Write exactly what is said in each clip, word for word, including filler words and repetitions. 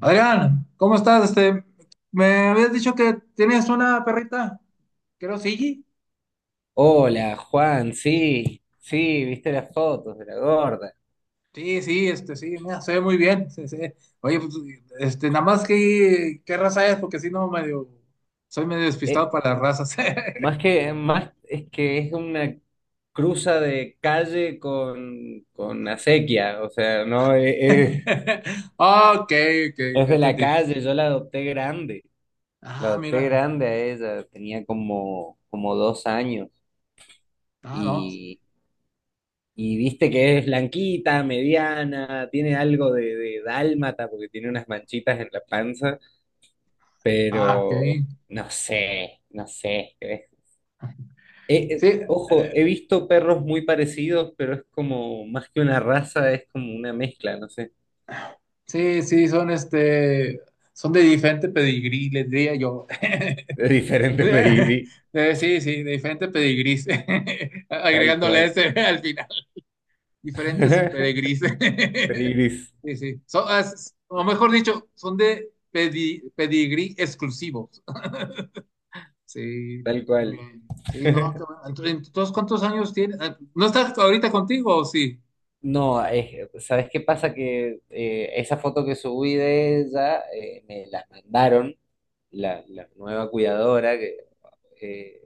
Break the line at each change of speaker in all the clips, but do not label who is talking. Adrián, ¿cómo estás? Este, me habías dicho que tienes una perrita, creo, sí.
Hola, Juan, sí, sí, viste las fotos de la gorda.
Sí, sí, este, sí, mira, se ve muy bien. se- se- Oye, pues, este, nada más que, ¿qué raza es? Porque si no, medio, soy medio despistado
Eh,
para las razas.
más que, más es que es una cruza de calle con, con acequia, o sea, no, eh, eh,
Ok, ok,
es
ya
de la
entendí.
calle, yo la adopté grande, la
Ah,
adopté
mira,
grande a ella, tenía como, como dos años
ah, no,
y, y viste que es blanquita, mediana, tiene algo de, de dálmata porque tiene unas manchitas en la panza.
ah, ok.
Pero no sé, no sé. Eh, eh,
Sí,
ojo, he visto perros muy parecidos, pero es como más que una raza, es como una mezcla, no sé,
sí, sí, son este, son de diferente pedigrí, les diría yo.
de diferentes pedigrí,
Eh, Sí, sí, de diferentes pedigrís,
tal
agregándole
cual.
ese al final, diferentes pedigrís.
Pedigris,
Sí, sí, son, as- o mejor dicho, son de pedi- pedigrí exclusivos. Sí,
tal
muy
cual.
bien. Sí, no, qué bueno. Ent- Entonces, ¿cuántos años tienes? Ah, ¿No estás ahorita contigo o sí?
No, es- ¿sabes qué pasa? Que eh, esa foto que subí de ella eh, me la mandaron, la, la nueva cuidadora. Eh,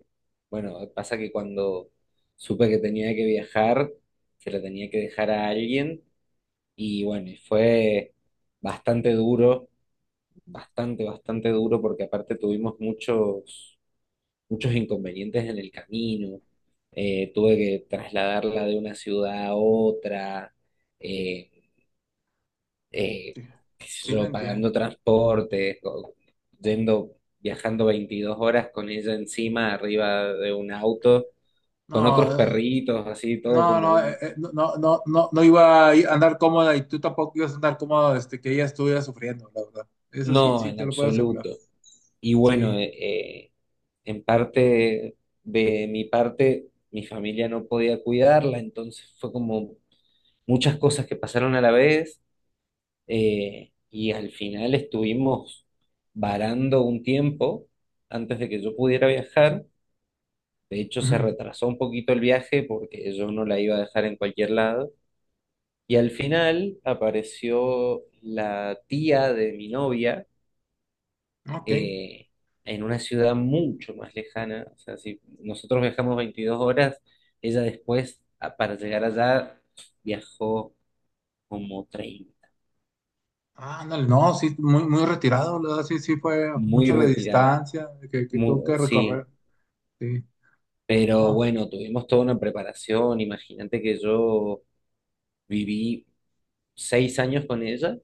bueno, pasa que cuando supe que tenía que viajar, se lo tenía que dejar a alguien y bueno, y fue bastante duro, bastante, bastante duro porque aparte tuvimos muchos, muchos inconvenientes en el camino. Eh, tuve que trasladarla de una ciudad a otra, eh, eh,
Sí,
qué sé
sí, no
yo,
entiendo.
pagando transporte, o- yendo, viajando veintidós horas con ella encima, arriba de un auto con otros
No,
perritos, así todo
No,
como
no, eh,
un...
eh, no, no, no, no no iba a andar cómoda y tú tampoco ibas a andar cómodo este, que ella estuviera sufriendo, la verdad. Eso sí,
No,
sí,
en
te lo puedo asegurar.
absoluto. Y bueno,
Sí.
eh, eh, en parte de mi parte, mi familia no podía cuidarla, entonces fue como muchas cosas que pasaron a la vez eh, y al final estuvimos varando un tiempo antes de que yo pudiera viajar. De hecho, se
Ujú.
retrasó un poquito el viaje porque yo no la iba a dejar en cualquier lado. Y al final apareció la tía de mi novia
Ok.
eh, en una ciudad mucho más lejana. O sea, si nosotros viajamos veintidós horas, ella después, a- para llegar allá, viajó como treinta,
Ah, ándale, no, sí, muy, muy retirado, la verdad, sí, sí, fue
muy
mucha la
retirado.
distancia que, que tuvo
Mu-
que recorrer.
sí,
Sí.
pero
No,
bueno, tuvimos toda una preparación. Imagínate que yo viví seis años con ella,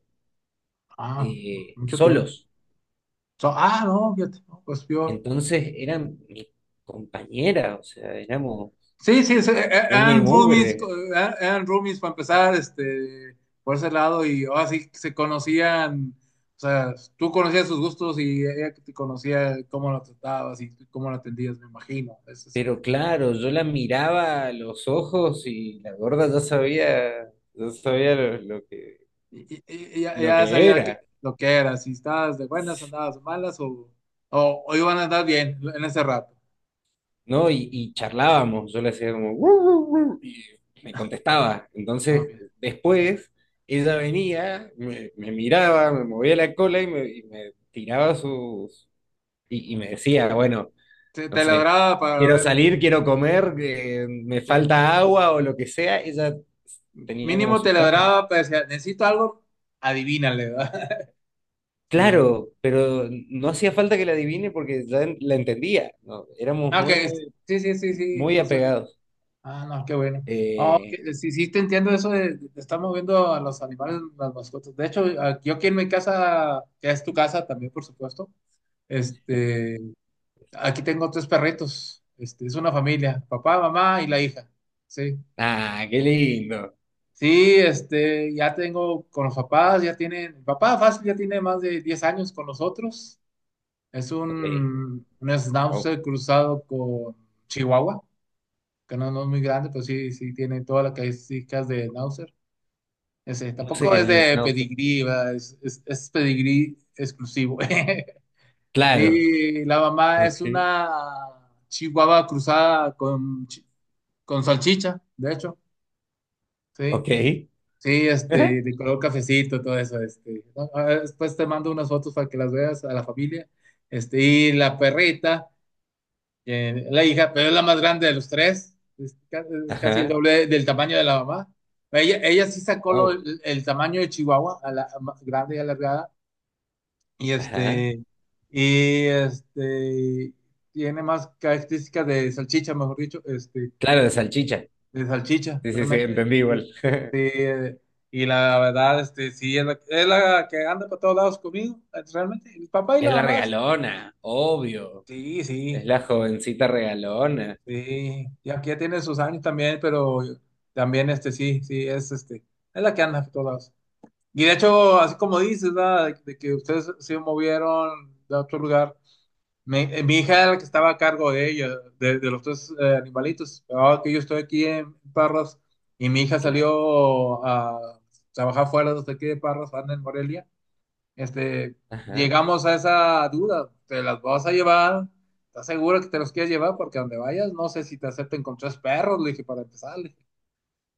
ah,
eh,
mucho tiempo.
solos.
So- ah, no, fíjate, no, pues peor.
Entonces era mi compañera, o sea, éramos
Sí, sí, sí, eh, eh,
uña y
eran roomies, co-
mugre.
eh, eran roomies para empezar, este, por ese lado, y ahora sí se conocían, o sea, tú conocías sus gustos y ella te conocía cómo lo tratabas y tú cómo lo atendías, me imagino, eso sí.
Pero claro, yo la miraba a los ojos y la gorda ya sabía, ya sabía lo, lo que,
Y, y- y ya,
lo
ya
que
sabía que-
era,
lo que era, si estabas de buenas, andabas de malas o, o, o iban a andar bien en ese rato.
¿no? Y,
Sí,
y charlábamos, yo le hacía como, "Wu, wu, wu", y me contestaba.
ah,
Entonces,
bien.
después, ella venía, me, me miraba, me movía la cola y me, y me tiraba sus... Y, y me decía, bueno,
Te,
no
te
sé,
ladraba para
quiero
ver,
salir, quiero comer, eh, me
sí.
falta agua o lo que sea. Ella tenía como
Mínimo
su
te
tono.
ladraba, para decir, necesito algo, adivínale, ¿verdad? Sí.
Claro, pero no hacía falta que la adivine porque ya en- la entendía, ¿no? Éramos
Ah, ok,
muy, muy,
sí, sí, sí, sí.
muy
Pues, eh,
apegados.
ah, no, qué bueno. No,
Eh,
que- sí, sí, te entiendo eso de, de estar moviendo a los animales, las mascotas. De hecho, a- yo aquí en mi casa, que es tu casa también, por supuesto, este, aquí tengo tres perritos. Este, es una familia, papá, mamá y la hija. Sí.
ah, qué lindo.
Sí, este, ya tengo con los papás, ya tienen, el papá fácil ya tiene más de diez años con nosotros. Es
Ok,
un, un
wow.
schnauzer cruzado con Chihuahua. Que no, no es muy grande, pero sí, sí tiene todas las características de Nauser. Ese,
No sé
tampoco
qué
es
es el
de
schnauzer.
pedigrí, ¿verdad? Es, es, es pedigrí exclusivo.
Claro,
Y la mamá
ok,
es una chihuahua cruzada con, chi- con salchicha, de hecho, sí.
ok.
Sí,
Ajá,
este, de color cafecito, todo eso, este. Ah, ah, después te mando unas fotos para que las veas a la familia. Este, y la perrita. Eh, la hija, pero es la más grande de los tres, es, ca- es casi el
ajá,
doble del tamaño de la mamá. Ella, ella sí sacó lo-
wow,
el, el tamaño de Chihuahua, a la, a- ma- grande y alargada, y
ajá.
este, y este, tiene más características de salchicha, mejor dicho, este,
Claro, de salchicha.
de salchicha,
Sí, sí, sí,
realmente.
entendí igual.
Este, y la verdad, este, sí, es la, es la que anda para todos lados conmigo, realmente. El papá y
Es
la
la
mamá,
regalona, obvio.
sí,
Es
sí.
la jovencita regalona,
Sí, y aquí ya tiene sus años también, pero también este sí, sí, es este, es la que anda por todos lados. Y de hecho, así como dices, ¿verdad? De, de que ustedes se movieron de otro lugar. Mi, eh, mi hija era la que estaba a cargo de ella, de, de los tres eh, animalitos. Ahora que yo estoy aquí en Parras y mi hija
claro.
salió a trabajar fuera desde aquí de Parras, anda en Morelia este,
Ajá,
llegamos a esa duda, ¿te las vas a llevar? ¿Estás seguro que te los quieres llevar? Porque donde vayas, no sé si te acepten con tres perros, le dije, para empezar, le dije.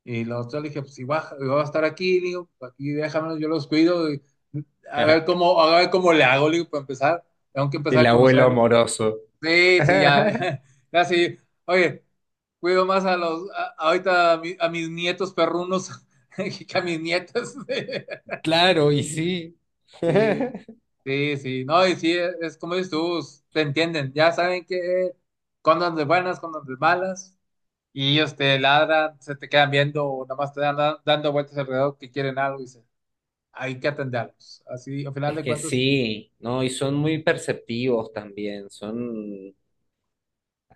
Y los otros le dije, pues si baja- yo voy a estar aquí, le digo, pues, aquí déjamelo, yo los cuido, y a
ajá.
ver cómo, a ver cómo le hago, le digo, para empezar, tengo que
El
empezar a
abuelo
conocerlos.
amoroso.
Sí, sí, ya, ya sí, oye, cuido más a los, a- ahorita a, mi- a mis nietos perrunos que a mis nietas.
Claro, y sí.
Sí. Sí, sí, no, y sí, es, es como dices tú, s- te entienden, ya saben que cuando de buenas, cuando de malas, y ellos te ladran, se te quedan viendo, o nada más te dan dan- dando vueltas alrededor que quieren algo, y dicen, hay que atenderlos. Así, al final
Es
de
que
cuentas,
sí, ¿no? Y son muy perceptivos también, son,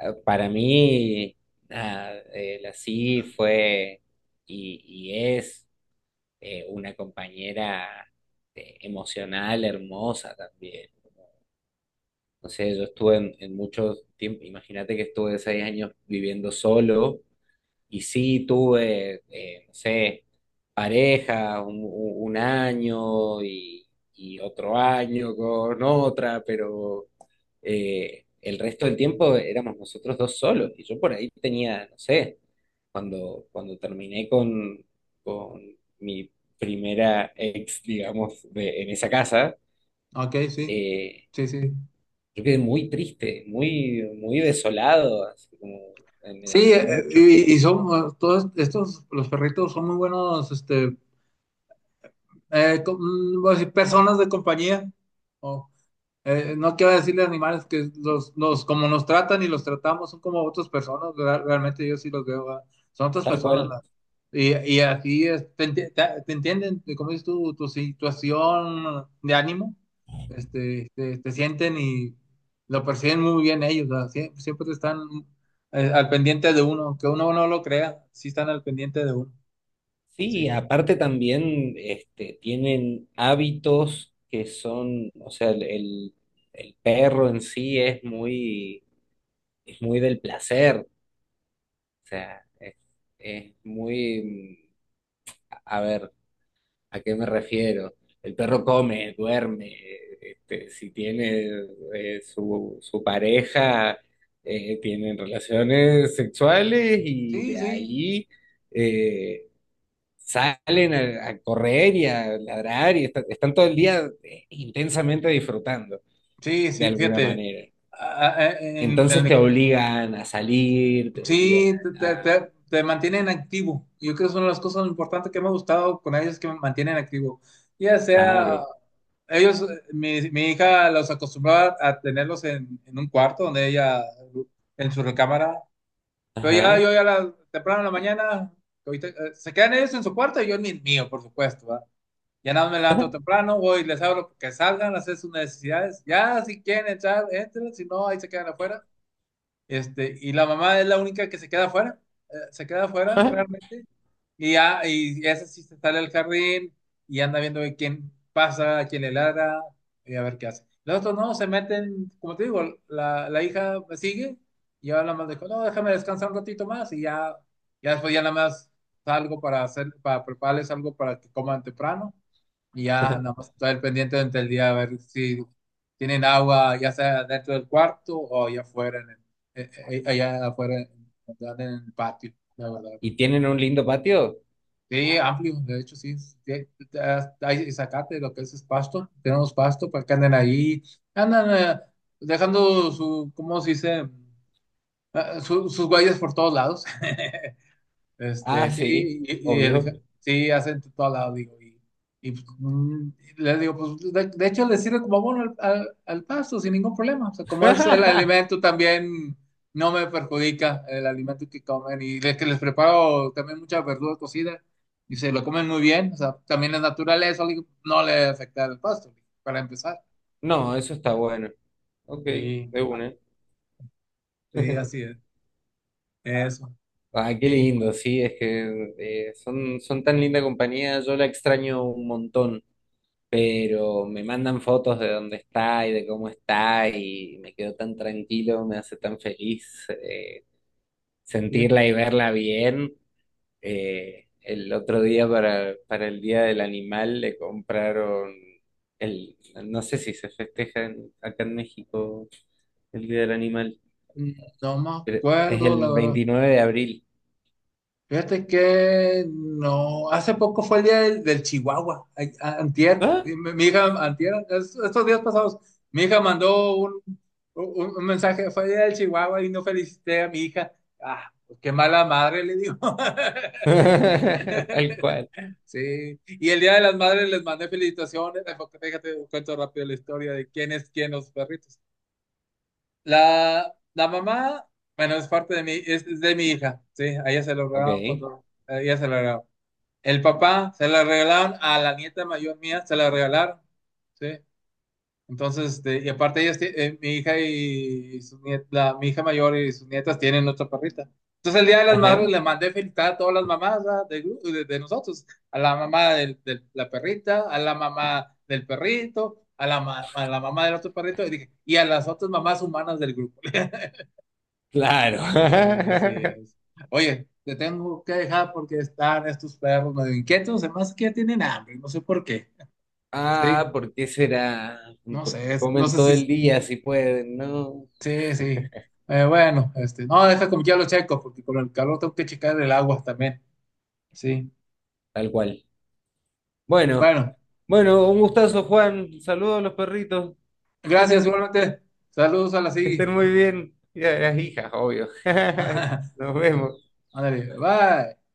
eh, para mí, nada, eh, la sí fue y, y es eh, una compañera eh, emocional, hermosa también. No sé, yo estuve en, en muchos tiempos, imagínate que estuve seis años viviendo solo. Y sí, tuve, eh, no sé, pareja un, un- un año y, y otro año con otra, pero eh, el resto del tiempo éramos nosotros dos solos. Y yo por ahí tenía, no sé, cuando, cuando terminé con, con mi primera ex, digamos, de- en esa casa,
ok, sí,
eh,
sí, sí.
yo quedé muy triste, muy, muy desolado, así como eh, me
Sí,
dolió
eh,
mucho,
y, y son eh, todos estos, los perritos son muy buenos, este, eh, com- mm, voy a decir, personas de compañía. Eh, no quiero decirle animales que los, los, como nos tratan y los tratamos son como otras personas, ¿verdad? Realmente yo sí los veo, ¿verdad? Son otras
tal
personas, ¿verdad?
cual.
Y, y así es, te, enti- te- te entienden, como dices tú, tu situación de ánimo, este, te, te sienten y lo perciben muy bien ellos, ¿verdad? Sie- Siempre, están eh, al pendiente de uno, que uno no lo crea, sí están al pendiente de uno. Sí,
Sí, aparte también este, tienen hábitos que son, o sea, el, el- el perro en sí es muy, es muy del placer, o sea, es, es muy, a ver, ¿a qué me refiero? El perro come, duerme, este, si tiene eh, su, su pareja, eh, tienen relaciones sexuales y
sí,
de
sí,
ahí eh, salen a, a correr y a ladrar y está- están todo el día eh, intensamente disfrutando
sí,
de
sí,
alguna
fíjate,
manera.
a- a- en, en
Entonces
el
te obligan a salir, te obligan
sí, te, te-
a...
te- te mantienen activo. Yo creo que es una de las cosas importantes que me ha gustado con ellos, que me mantienen activo. Ya sea,
Claro.
ellos, mi, mi hija los acostumbraba a tenerlos en, en un cuarto donde ella, en su recámara. Pero ya
Ajá.
yo ya la, temprano en la mañana, ahorita, eh, se quedan ellos en su cuarto y yo en el mío, por supuesto, ¿va? Ya nada más me levanto temprano, voy y les abro que salgan, hacer sus necesidades. Ya, si quieren entrar, entren, si no, ahí se quedan afuera. Este, y la mamá es la única que se queda afuera, eh, se queda afuera realmente, y ya, y esa sí se sale al jardín y anda viendo de quién pasa, a quién le ladra, y a ver qué hace. Los otros no, se meten, como te digo, la, la hija sigue, y ahora nada más dijo, no, déjame descansar un ratito más, y ya, ya después ya nada más salgo para hacer, para prepararles algo para que coman temprano, y ya nada más estar al pendiente durante el día a ver si tienen agua, ya sea dentro del cuarto o allá afuera, en el, eh, eh, eh, allá afuera, en, en el patio, la verdad.
¿Y tienen un lindo patio?
Sí, amplio, de hecho, sí. Sí, eh, hay zacate, lo que es, es pasto. Tenemos pasto para que anden ahí. Andan eh, dejando su, ¿cómo se dice? Eh, su- sus huellas por todos lados. Este,
Ah, sí,
sí, y, y el,
obvio.
ja- sí, acento todo al lado, digo. Y, y, pues, mm, le digo, pues de, de hecho le sirve como abono al, al, al pasto sin ningún problema. O sea, como es el alimento también, no me perjudica el alimento que comen. Y de que les preparo también mucha verdura cocida y se lo comen muy bien. O sea, también es naturaleza, le digo, no le afecta al pasto, para empezar.
No, eso está bueno. Ok,
Sí,
de una.
sí, así es. Eso.
Ah, qué
Sí.
lindo, sí, es que eh, son, son tan linda compañía, yo la extraño un montón. Pero me mandan fotos de dónde está y de cómo está y me quedo tan tranquilo, me hace tan feliz eh,
Fíjate,
sentirla y verla bien. Eh, el otro día para, para el Día del Animal le compraron el, no sé si se festeja en- acá en México el Día del Animal,
mm, no me
pero es
acuerdo, la
el
verdad.
veintinueve de abril.
Fíjate que no, hace poco fue el día del, del Chihuahua, ay, a- antier,
¿Ah?
y mi mi hija, antier, es- estos días pasados, mi hija mandó un, un- un mensaje, fue el día del Chihuahua y no felicité a mi hija. Ah, pues qué mala madre, le digo.
Tal cual.
Sí, y el día de las madres les mandé felicitaciones, eh, porque fíjate, cuento rápido la historia de quién es quién los perritos. La, la mamá, bueno, es parte de mi, es, es de mi hija, sí, a ella se lo
Ok.
regalaron cuando, a ella se lo regalaron. El papá se la regalaron a la nieta mayor mía, se la regalaron, ¿sí? Entonces, este, y aparte ellas, tie- eh, mi hija y su niet- la- mi hija mayor y sus nietas tienen otra perrita. Entonces, el Día de las Madres
Ajá.
le mandé felicitar a todas las mamás, ¿verdad? del gru- de, de nosotros, a la mamá del- de la perrita, a la mamá del perrito, a la, ma- a la mamá del otro perrito, y dije, y a las otras mamás humanas del grupo. Sí, así
Claro.
es. Oye, te tengo que dejar porque están estos perros medio inquietos, además que ya tienen hambre, no sé por qué. Sí,
Ah, ¿por qué será?
no sé,
Porque
es- no
comen
sé
todo
si...
el día si pueden, ¿no?
Sí, sí. Eh, bueno, este, no, deja como ya lo checo, porque con el calor tengo que checar el agua también. Sí.
Tal cual. Bueno,
Bueno,
bueno, un gustazo, Juan. Saludos a los perritos.
gracias igualmente. Saludos a la
Que
SIGI.
estén muy bien. Y a las hijas, obvio. Nos vemos.
Ándale, bye.